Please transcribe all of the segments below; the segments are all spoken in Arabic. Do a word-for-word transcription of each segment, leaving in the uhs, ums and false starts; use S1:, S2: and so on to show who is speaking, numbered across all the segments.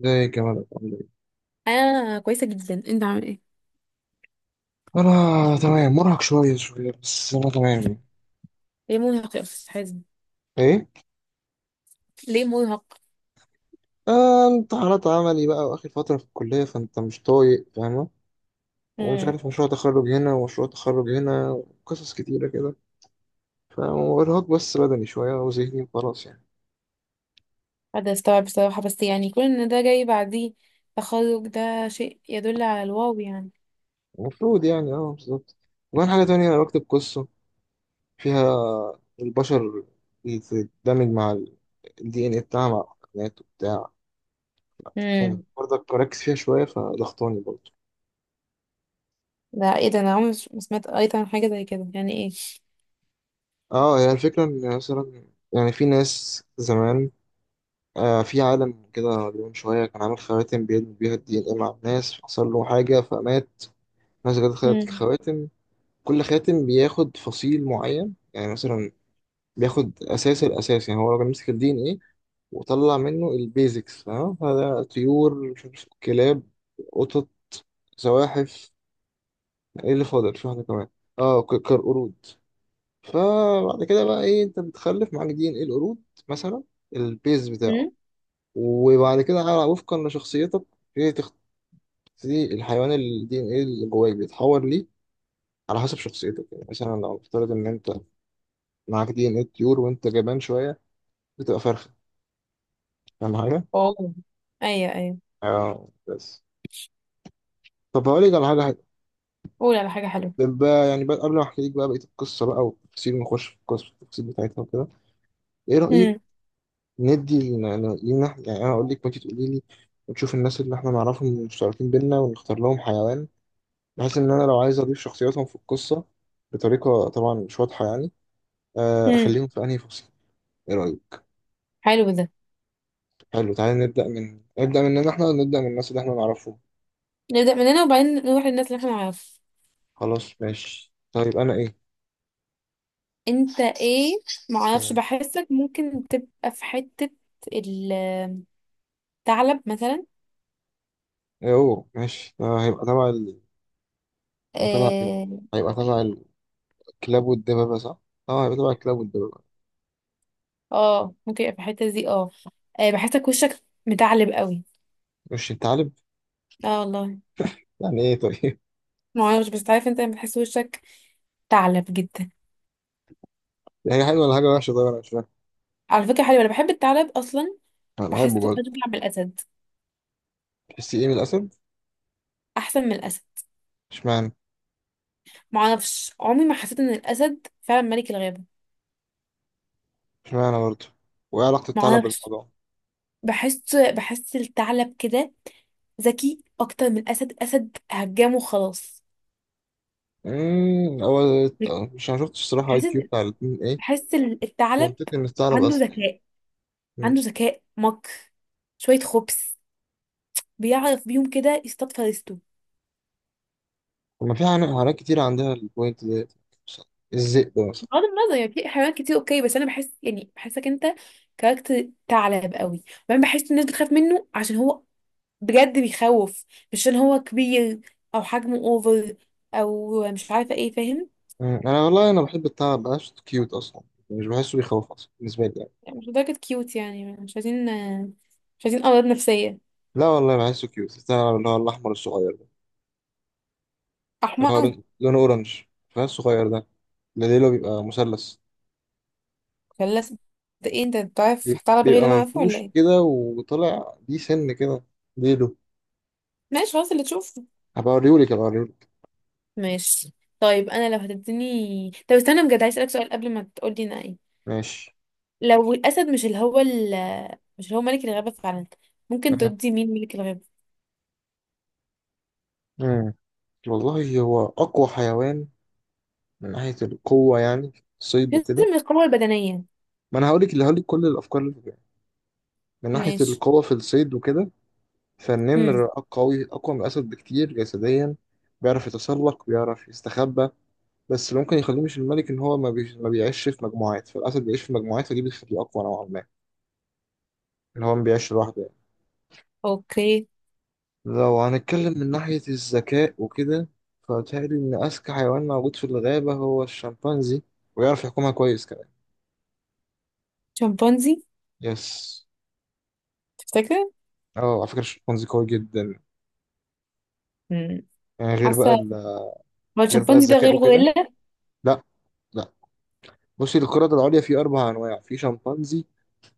S1: زي كمان عامل ايه؟
S2: انا كويسه جدا، انت عامل ايه؟
S1: انا تمام، مرهق شويه شويه بس انا تمام يعني.
S2: ليه مرهق يا استاذ حازم؟
S1: ايه
S2: ليه مرهق؟
S1: آه امتحانات عملي بقى واخر فتره في الكليه فانت مش طايق فاهمه. ومش
S2: امم
S1: عارف مشروع تخرج هنا ومشروع تخرج هنا وقصص كتيره كده، فارهاق بس بدني شويه وذهني وخلاص يعني.
S2: هذا استوعب بصراحه، بس يعني كون ان ده جاي بعديه تخرج ده شيء يدل على الواو يعني.
S1: المفروض يعني اه بالظبط. وكمان حاجه تانية انا بكتب قصه فيها البشر بتندمج مع الدي ان اي بتاعها مع الحيوانات وبتاع،
S2: امم
S1: فبرضك بركز فيها شويه فضغطاني برضه.
S2: ده ايه ده؟ انا عمري ما سمعت قريت عن حاجه زي كده، يعني ايه؟
S1: اه هي الفكرة ان مثلا يعني في ناس زمان آه في عالم كده من شوية كان عامل خواتم بيدمج بيها الدي ان ايه مع الناس، حصل له حاجة فمات. الناس جت خدت
S2: امم
S1: الخواتم. كل خاتم بياخد فصيل معين يعني مثلا بياخد اساس. الاساس يعني هو راجل مسك الدي ان ايه وطلع منه البيزكس، فاهم؟ هذا طيور مش عارف كلاب قطط زواحف. ايه اللي فاضل؟ في واحدة كمان اه ك- كالقرود. فبعد كده بقى ايه، انت بتخلف معاك دي ان ايه القرود مثلا البيز بتاعه.
S2: امم
S1: وبعد كده على وفقا لشخصيتك ايه تختاري الحيوان الدي ان ايه اللي جواك بيتحول ليه، على حسب شخصيتك. يعني مثلا لو نفترض ان انت معاك دي ان ايه الطيور وانت جبان شويه بتبقى فرخه. فاهم حاجه؟
S2: اوه، ايوه ايوه.
S1: اه بس. طب هقول لك على حاجه حلوه.
S2: قول على حاجه حلوه.
S1: طب بقى يعني بقى قبل ما احكي لك بقى بقيه القصه بقى والتفاصيل ونخش في القصه التفاصيل بتاعتها وكده، ايه رايك
S2: امم
S1: ندي لنا لينا إحنا- يعني انا اقول لك وانت تقولي لي وتشوف الناس اللي احنا نعرفهم مشتركين بينا ونختار لهم حيوان، بحيث ان انا لو عايز اضيف شخصياتهم في القصه بطريقه طبعا مش واضحه يعني آه،
S2: امم
S1: اخليهم في انهي فصل. ايه رايك؟
S2: حلو ده.
S1: حلو تعالى نبدا من نبدا مننا احنا ونبدا من الناس اللي احنا نعرفهم.
S2: نبدا من هنا وبعدين نروح للناس اللي احنا نعرفها.
S1: خلاص ماشي طيب انا ايه؟
S2: انت ايه؟ معرفش،
S1: مم.
S2: بحسك ممكن تبقى في حته، ال- الثعلب مثلا.
S1: ايه هو ماشي آه، هيبقى تبع ال... هيبقى تبع ايه،
S2: اه.
S1: هيبقى تبع الكلاب والدبابه صح؟ اه هيبقى تبع الكلاب والدبابه.
S2: آه، ممكن يبقى في الحته دي، اه. آه، بحسك وشك متعلب قوي.
S1: مش انت عالب؟
S2: اه والله.
S1: يعني ايه طيب؟
S2: ما اعرفش، بس عارف انت لما تحس وشك تعلب جدا.
S1: هي حلوه ولا حاجه وحشه؟ طيب انا مش فاهم.
S2: على فكره حلوه، انا بحب الثعلب اصلا.
S1: انا بحبه
S2: بحسه
S1: برضه.
S2: اشبه من الاسد.
S1: تحسي ايه من الاسد؟
S2: احسن من الاسد.
S1: اشمعنى؟
S2: ما اعرفش، عمري ما حسيت ان الاسد فعلا ملك الغابه.
S1: اشمعنى برضه؟ وايه علاقه
S2: ما
S1: الثعلب
S2: اعرفش.
S1: بالموضوع؟
S2: بحس بحس الثعلب كده، ذكي اكتر من الاسد. الاسد هجامه خلاص.
S1: امم هو مش انا شفتش الصراحه اي
S2: بحس
S1: كيو بتاع الاتنين ايه.
S2: بحس
S1: بس
S2: الثعلب
S1: منطقي ان الثعلب
S2: عنده
S1: اسد يعني.
S2: ذكاء.
S1: مم.
S2: عنده ذكاء، مكر، شويه خبث. بيعرف بيهم كده يصطاد فريسته.
S1: طب ما في حيوان- حيوانات كتير عندها البوينت ديت مثلا الذئب مثلا.
S2: بغض النظر يعني، في حيوانات كتير اوكي، بس انا بحس يعني بحسك انت كاركتر ثعلب قوي. وبعدين بحس الناس بتخاف منه عشان هو بجد بيخوف. مش عشان هو كبير او حجمه اوفر، او مش عارفه ايه، فاهم؟
S1: مم. انا والله انا بحب الثعلب بحسه كيوت اصلا، مش بحسه بيخوف اصلا بالنسبه لي يعني.
S2: يعني مش لدرجه كيوت، يعني مش عايزين مش عايزين امراض نفسيه.
S1: لا والله بحسه كيوت الثعلب اللي هو الاحمر الصغير ده، اللي هو
S2: احمر.
S1: لون- لونه اورنج، فاهم الصغير ده، اللي ليله بيبقى مثلث،
S2: خلاص. ده ايه، انت بتعرف
S1: بيب-
S2: ثعلب غير
S1: بيبقى
S2: اللي انا عارفه ولا
S1: منفوش
S2: ايه؟
S1: كده وطلع دي سن كده ليله.
S2: ماشي خلاص اللي تشوفه.
S1: هبقى اوريهولك هبقى اوريهولك
S2: ماشي. طيب انا لو هتديني، طب استنى بجد عايز اسالك سؤال قبل ما تقولي انا ايه.
S1: ماشي
S2: لو الأسد مش اللي هو ال- مش اللي هو ملك الغابة فعلا، ممكن
S1: آه.
S2: تدي مين ملك الغابة؟
S1: مم. والله هو اقوى حيوان من ناحية القوة يعني في الصيد وكده.
S2: لازم القوة البدنية.
S1: ما انا هقولك اللي هقولك كل الافكار اللي في بالي. من ناحية
S2: ماشي.
S1: القوة في الصيد وكده
S2: هم.
S1: فالنمر أق- قوي اقوى من الاسد بكتير جسديا، بيعرف يتسلق بيعرف يستخبى. بس اللي ممكن يخليه مش الملك ان هو ما, بي... ما بيعيش في مجموعات، فالاسد بيعيش في مجموعات فدي بتخليه اقوى نوعا ما، اللي هو ما بيعيش لوحده.
S2: اوكي.
S1: لو هنتكلم من ناحية الذكاء وكده فبتهيألي إن أذكى حيوان موجود في الغابة هو الشمبانزي، ويعرف يحكمها كويس كمان.
S2: شمبانزي؟
S1: يس.
S2: تفتكر؟
S1: اه على فكرة الشمبانزي قوي جدا.
S2: هم.
S1: يعني غير بقى
S2: حاسة.
S1: ال...
S2: هو
S1: غير بقى
S2: الشمبانزي ده
S1: الذكاء
S2: غير
S1: وكده.
S2: غوريلا؟
S1: لا لا بصي، القردة العليا فيه أربع أنواع، في شمبانزي،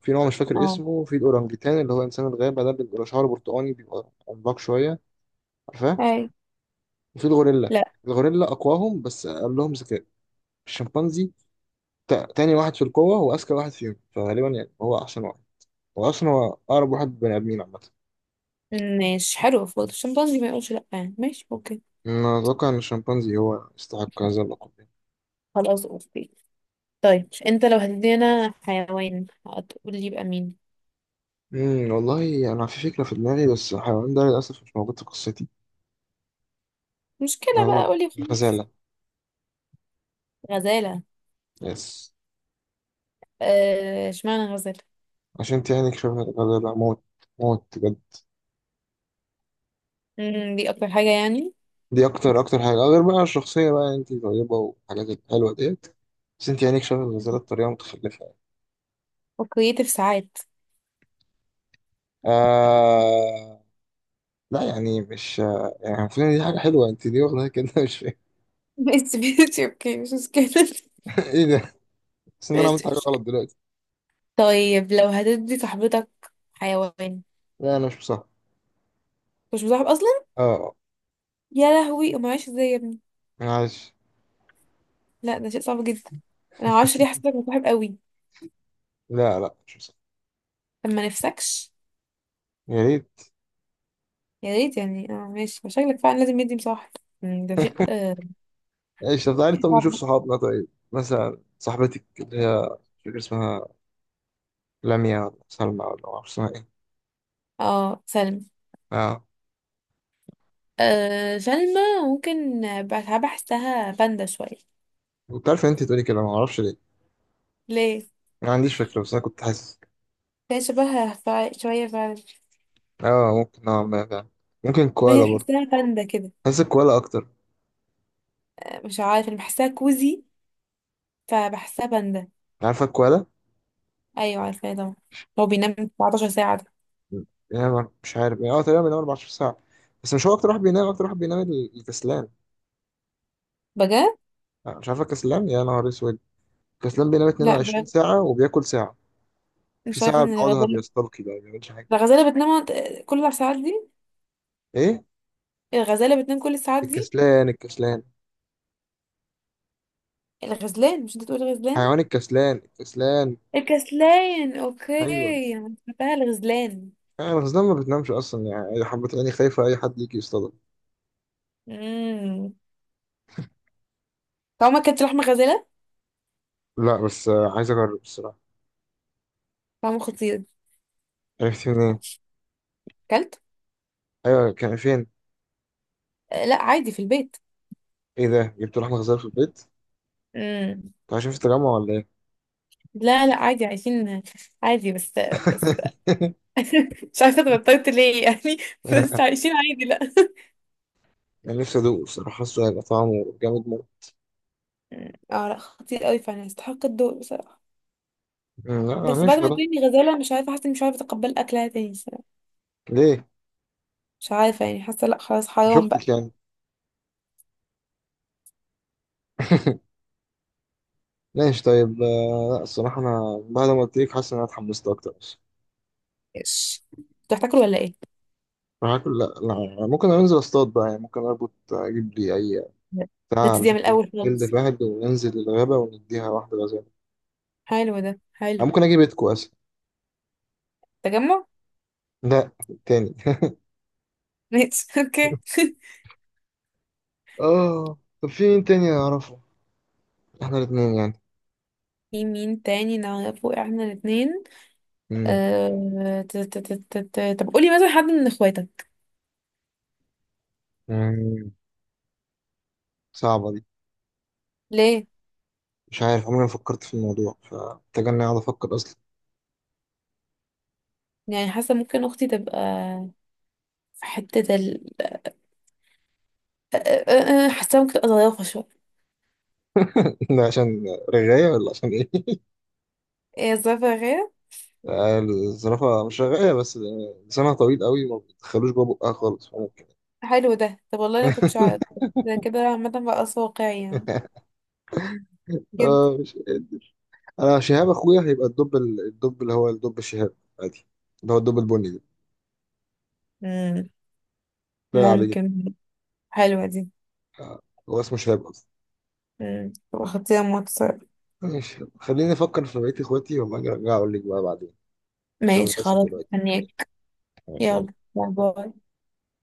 S1: في نوع مش فاكر
S2: اه.
S1: اسمه، في الأورانجيتان اللي هو إنسان الغابة ده اللي بيبقى شعره برتقاني بيبقى عملاق شوية، عارفاه؟
S2: اي.
S1: وفي الغوريلا.
S2: لا.
S1: الغوريلا أقواهم بس أقلهم ذكاء. الشمبانزي تا- تاني واحد في القوة وأذكى واحد فيهم، فغالبا يعني هو أحسن واحد، وأصلا هو أقرب واحد بني آدمين عامة.
S2: ماشي، حلو برضه الشمبانزي، ما يقولش لا يعني. ماشي اوكي.
S1: أنا أتوقع إن الشمبانزي هو يستحق هذا اللقب يعني.
S2: خلاص اوكي. طيب انت لو هتدينا حيوان، هتقول لي يبقى مين؟
S1: أمم، والله أنا في فكرة في دماغي بس الحيوان ده للأسف مش موجود في قصتي.
S2: مشكلة
S1: هو
S2: بقى، قولي خلاص.
S1: الغزالة.
S2: غزالة؟
S1: يس.
S2: آه، اشمعنى غزالة؟
S1: عشان تعاني شبه الغزالة موت، موت بجد.
S2: مم، دي اكتر حاجة يعني.
S1: دي أكتر أكتر حاجة غير بقى الشخصية بقى، أنت طيبة والحاجات الحلوة ديت، بس أنت عينيك شبه الغزالة بطريقة متخلفة يعني.
S2: وكرييتيف ساعات.
S1: آه... لا يعني مش يعني المفروض إن دي حاجة حلوة، أنت ليه واخدها كده؟ مش فاهم.
S2: ماشي ماشي اوكي، مش مشكلة.
S1: إيه ده؟ بس إن أنا عملت حاجة
S2: ماشي.
S1: غلط دلوقتي؟
S2: طيب لو هتدي صاحبتك حيوان؟
S1: لا أنا مش مصدق.
S2: مش مصاحب اصلا.
S1: اه
S2: يا لهوي، ما عايش ازاي يا ابني؟
S1: معلش.
S2: لا ده شيء صعب جدا. انا معرفش ليه حسيتك مصاحب قوي.
S1: لا لا مش مصدق.
S2: طب ما نفسكش؟
S1: يا ريت.
S2: يا ريت يعني، اه ماشي، شكلك فعلا لازم يدي مصاحب. مم، ده شيء آه،
S1: ايش؟ طب تعالي
S2: شيء
S1: طب نشوف
S2: صعب.
S1: صحابنا، طيب مثلا صاحبتك اللي هي مش فاكر اسمها، لميا ولا سلمى ولا ما اعرفش اسمها ايه.
S2: اه سلمى.
S1: اه
S2: آه سلمى، ممكن. بحب احسها باندا شوية.
S1: كنت عارف ان انت تقولي كده، ما اعرفش ليه،
S2: ليه؟
S1: ما عنديش فكره بس انا كنت حاسس.
S2: هي شبهها فع- شوية فعلا.
S1: اه ممكن نوعا ما فعلا. ممكن
S2: ما هي
S1: كوالا برضه.
S2: بحسها باندا كده.
S1: حاسس الكوالا اكتر.
S2: مش عارفة، انا بحسها كوزي فبحسها باندا.
S1: عارفه الكوالا؟
S2: ايوه عارفاه طبعا. هو بينام أربعة عشر ساعة ساعه ده؟
S1: بينام مش عارف يعني اه تقريبا بينام 14 ساعه. بس مش هو اكتر واحد بينام، اكتر واحد بينام الكسلان.
S2: بجد؟
S1: آه، مش عارفه كسلان يا نهار اسود؟ كسلان بينام
S2: لا مش
S1: 22
S2: عارف.
S1: ساعه وبياكل ساعه. في
S2: مش عارفه
S1: ساعة
S2: ان
S1: بيقعدها
S2: الغزاله.
S1: بيستلقي بقى ما بيعملش حاجة.
S2: الغزاله بتنام كل الساعات دي؟
S1: ايه
S2: الغزاله بتنام كل الساعات دي؟
S1: الكسلان؟ الكسلان
S2: الغزلان مش انت تقول غزلان؟
S1: حيوان. الكسلان الكسلان.
S2: الكسلان
S1: ايوه.
S2: اوكي، انا فاكراها الغزلان.
S1: يعني الغزلان ما بتنامش اصلا يعني، اي حبة عيني خايفة اي حد يجي يصطادها.
S2: امم. طعمه كانت لحمه غزاله.
S1: لا بس آه، عايز اجرب الصراحة.
S2: طعمه خطير.
S1: عرفت منين؟
S2: كلت.
S1: ايوه كان فين؟
S2: آه، لا عادي في البيت.
S1: ايه ده، جبت لحمة غزال في البيت؟
S2: امم.
S1: انت عايشين في التجمع ولا ايه؟
S2: لا لا عادي عايشين عادي، بس بس مش عارفه اتغطيت ليه يعني. بس عايشين عادي لا.
S1: يعني نفسي ادوقه الصراحة، حاسه هيبقى طعمه جامد موت.
S2: مم. اه لا خطير قوي فعلا يستحق الدور بصراحة.
S1: أمم، لا
S2: بس بعد
S1: ماشي
S2: ما
S1: خلاص.
S2: تقولي غزالة، مش عارفة، حاسة اني مش عارفة اتقبل اكلها تاني الصراحة.
S1: ليه؟
S2: مش عارفة يعني، حاسة لا خلاص
S1: مش
S2: حرام بقى.
S1: اختك يعني؟ ماشي طيب آه، لا الصراحة انا بعد ما قلت لك حاسس ان انا اتحمست اكتر.
S2: ايش؟ انتوا هتاكلوا ولا ايه؟
S1: هاكل؟ لا لا، ممكن انزل اصطاد بقى يعني، ممكن اربط اجيب لي اي
S2: لا. ده
S1: بتاع على
S2: تديها من
S1: شكل
S2: الاول
S1: جلد
S2: خالص.
S1: الواحد وننزل الغابة ونديها واحدة غزالة.
S2: حلو ده حلو.
S1: أنا ممكن اجيب اتكو اصلا.
S2: تجمع؟
S1: لا التاني.
S2: ماشي اوكي
S1: اه طب في مين تاني اعرفه احنا الاتنين يعني؟
S2: في مين تاني نعرفه احنا الاتنين؟
S1: مم.
S2: أه... ت- ت- ت- ت- ت- طب قولي مثلا حد من اخواتك.
S1: مم. صعبة دي.
S2: ليه؟
S1: مش عارف عمري ما فكرت في الموضوع، فمحتاج اني اقعد افكر اصلا.
S2: يعني حاسة ممكن اختي تبقى في حتة ال أه، أه، أه، آه، حاسة ممكن تبقى ظريفة شوية.
S1: ده عشان رغاية ولا عشان ايه؟
S2: ايه ظريفة يا غير؟
S1: آه، الزرافة مش رغاية بس آه، لسانها طويل قوي ما بتدخلوش جوه بقها خالص فممكن.
S2: حلو ده، طب والله انا كنتش عارف. ده كده عامة بقى واقعي يعني، جدا.
S1: اه مش انا. شهاب اخويا هيبقى الدب، ال- الدب اللي هو الدب الشهاب، عادي، اللي هو الدب البني ده،
S2: مم.
S1: لا عليه جدا.
S2: ممكن. حلوة دي.
S1: هو اسمه شهاب اصلا.
S2: مم. تبقى خطيرة موت الصراحة.
S1: ماشي خليني افكر في بقية اخواتي وما اجي ارجع اقول لك بقى بعدين، عشان
S2: ماشي
S1: للاسف
S2: خلاص.
S1: دلوقتي.
S2: هنيك.
S1: ماشي يلا.
S2: يلا باي باي.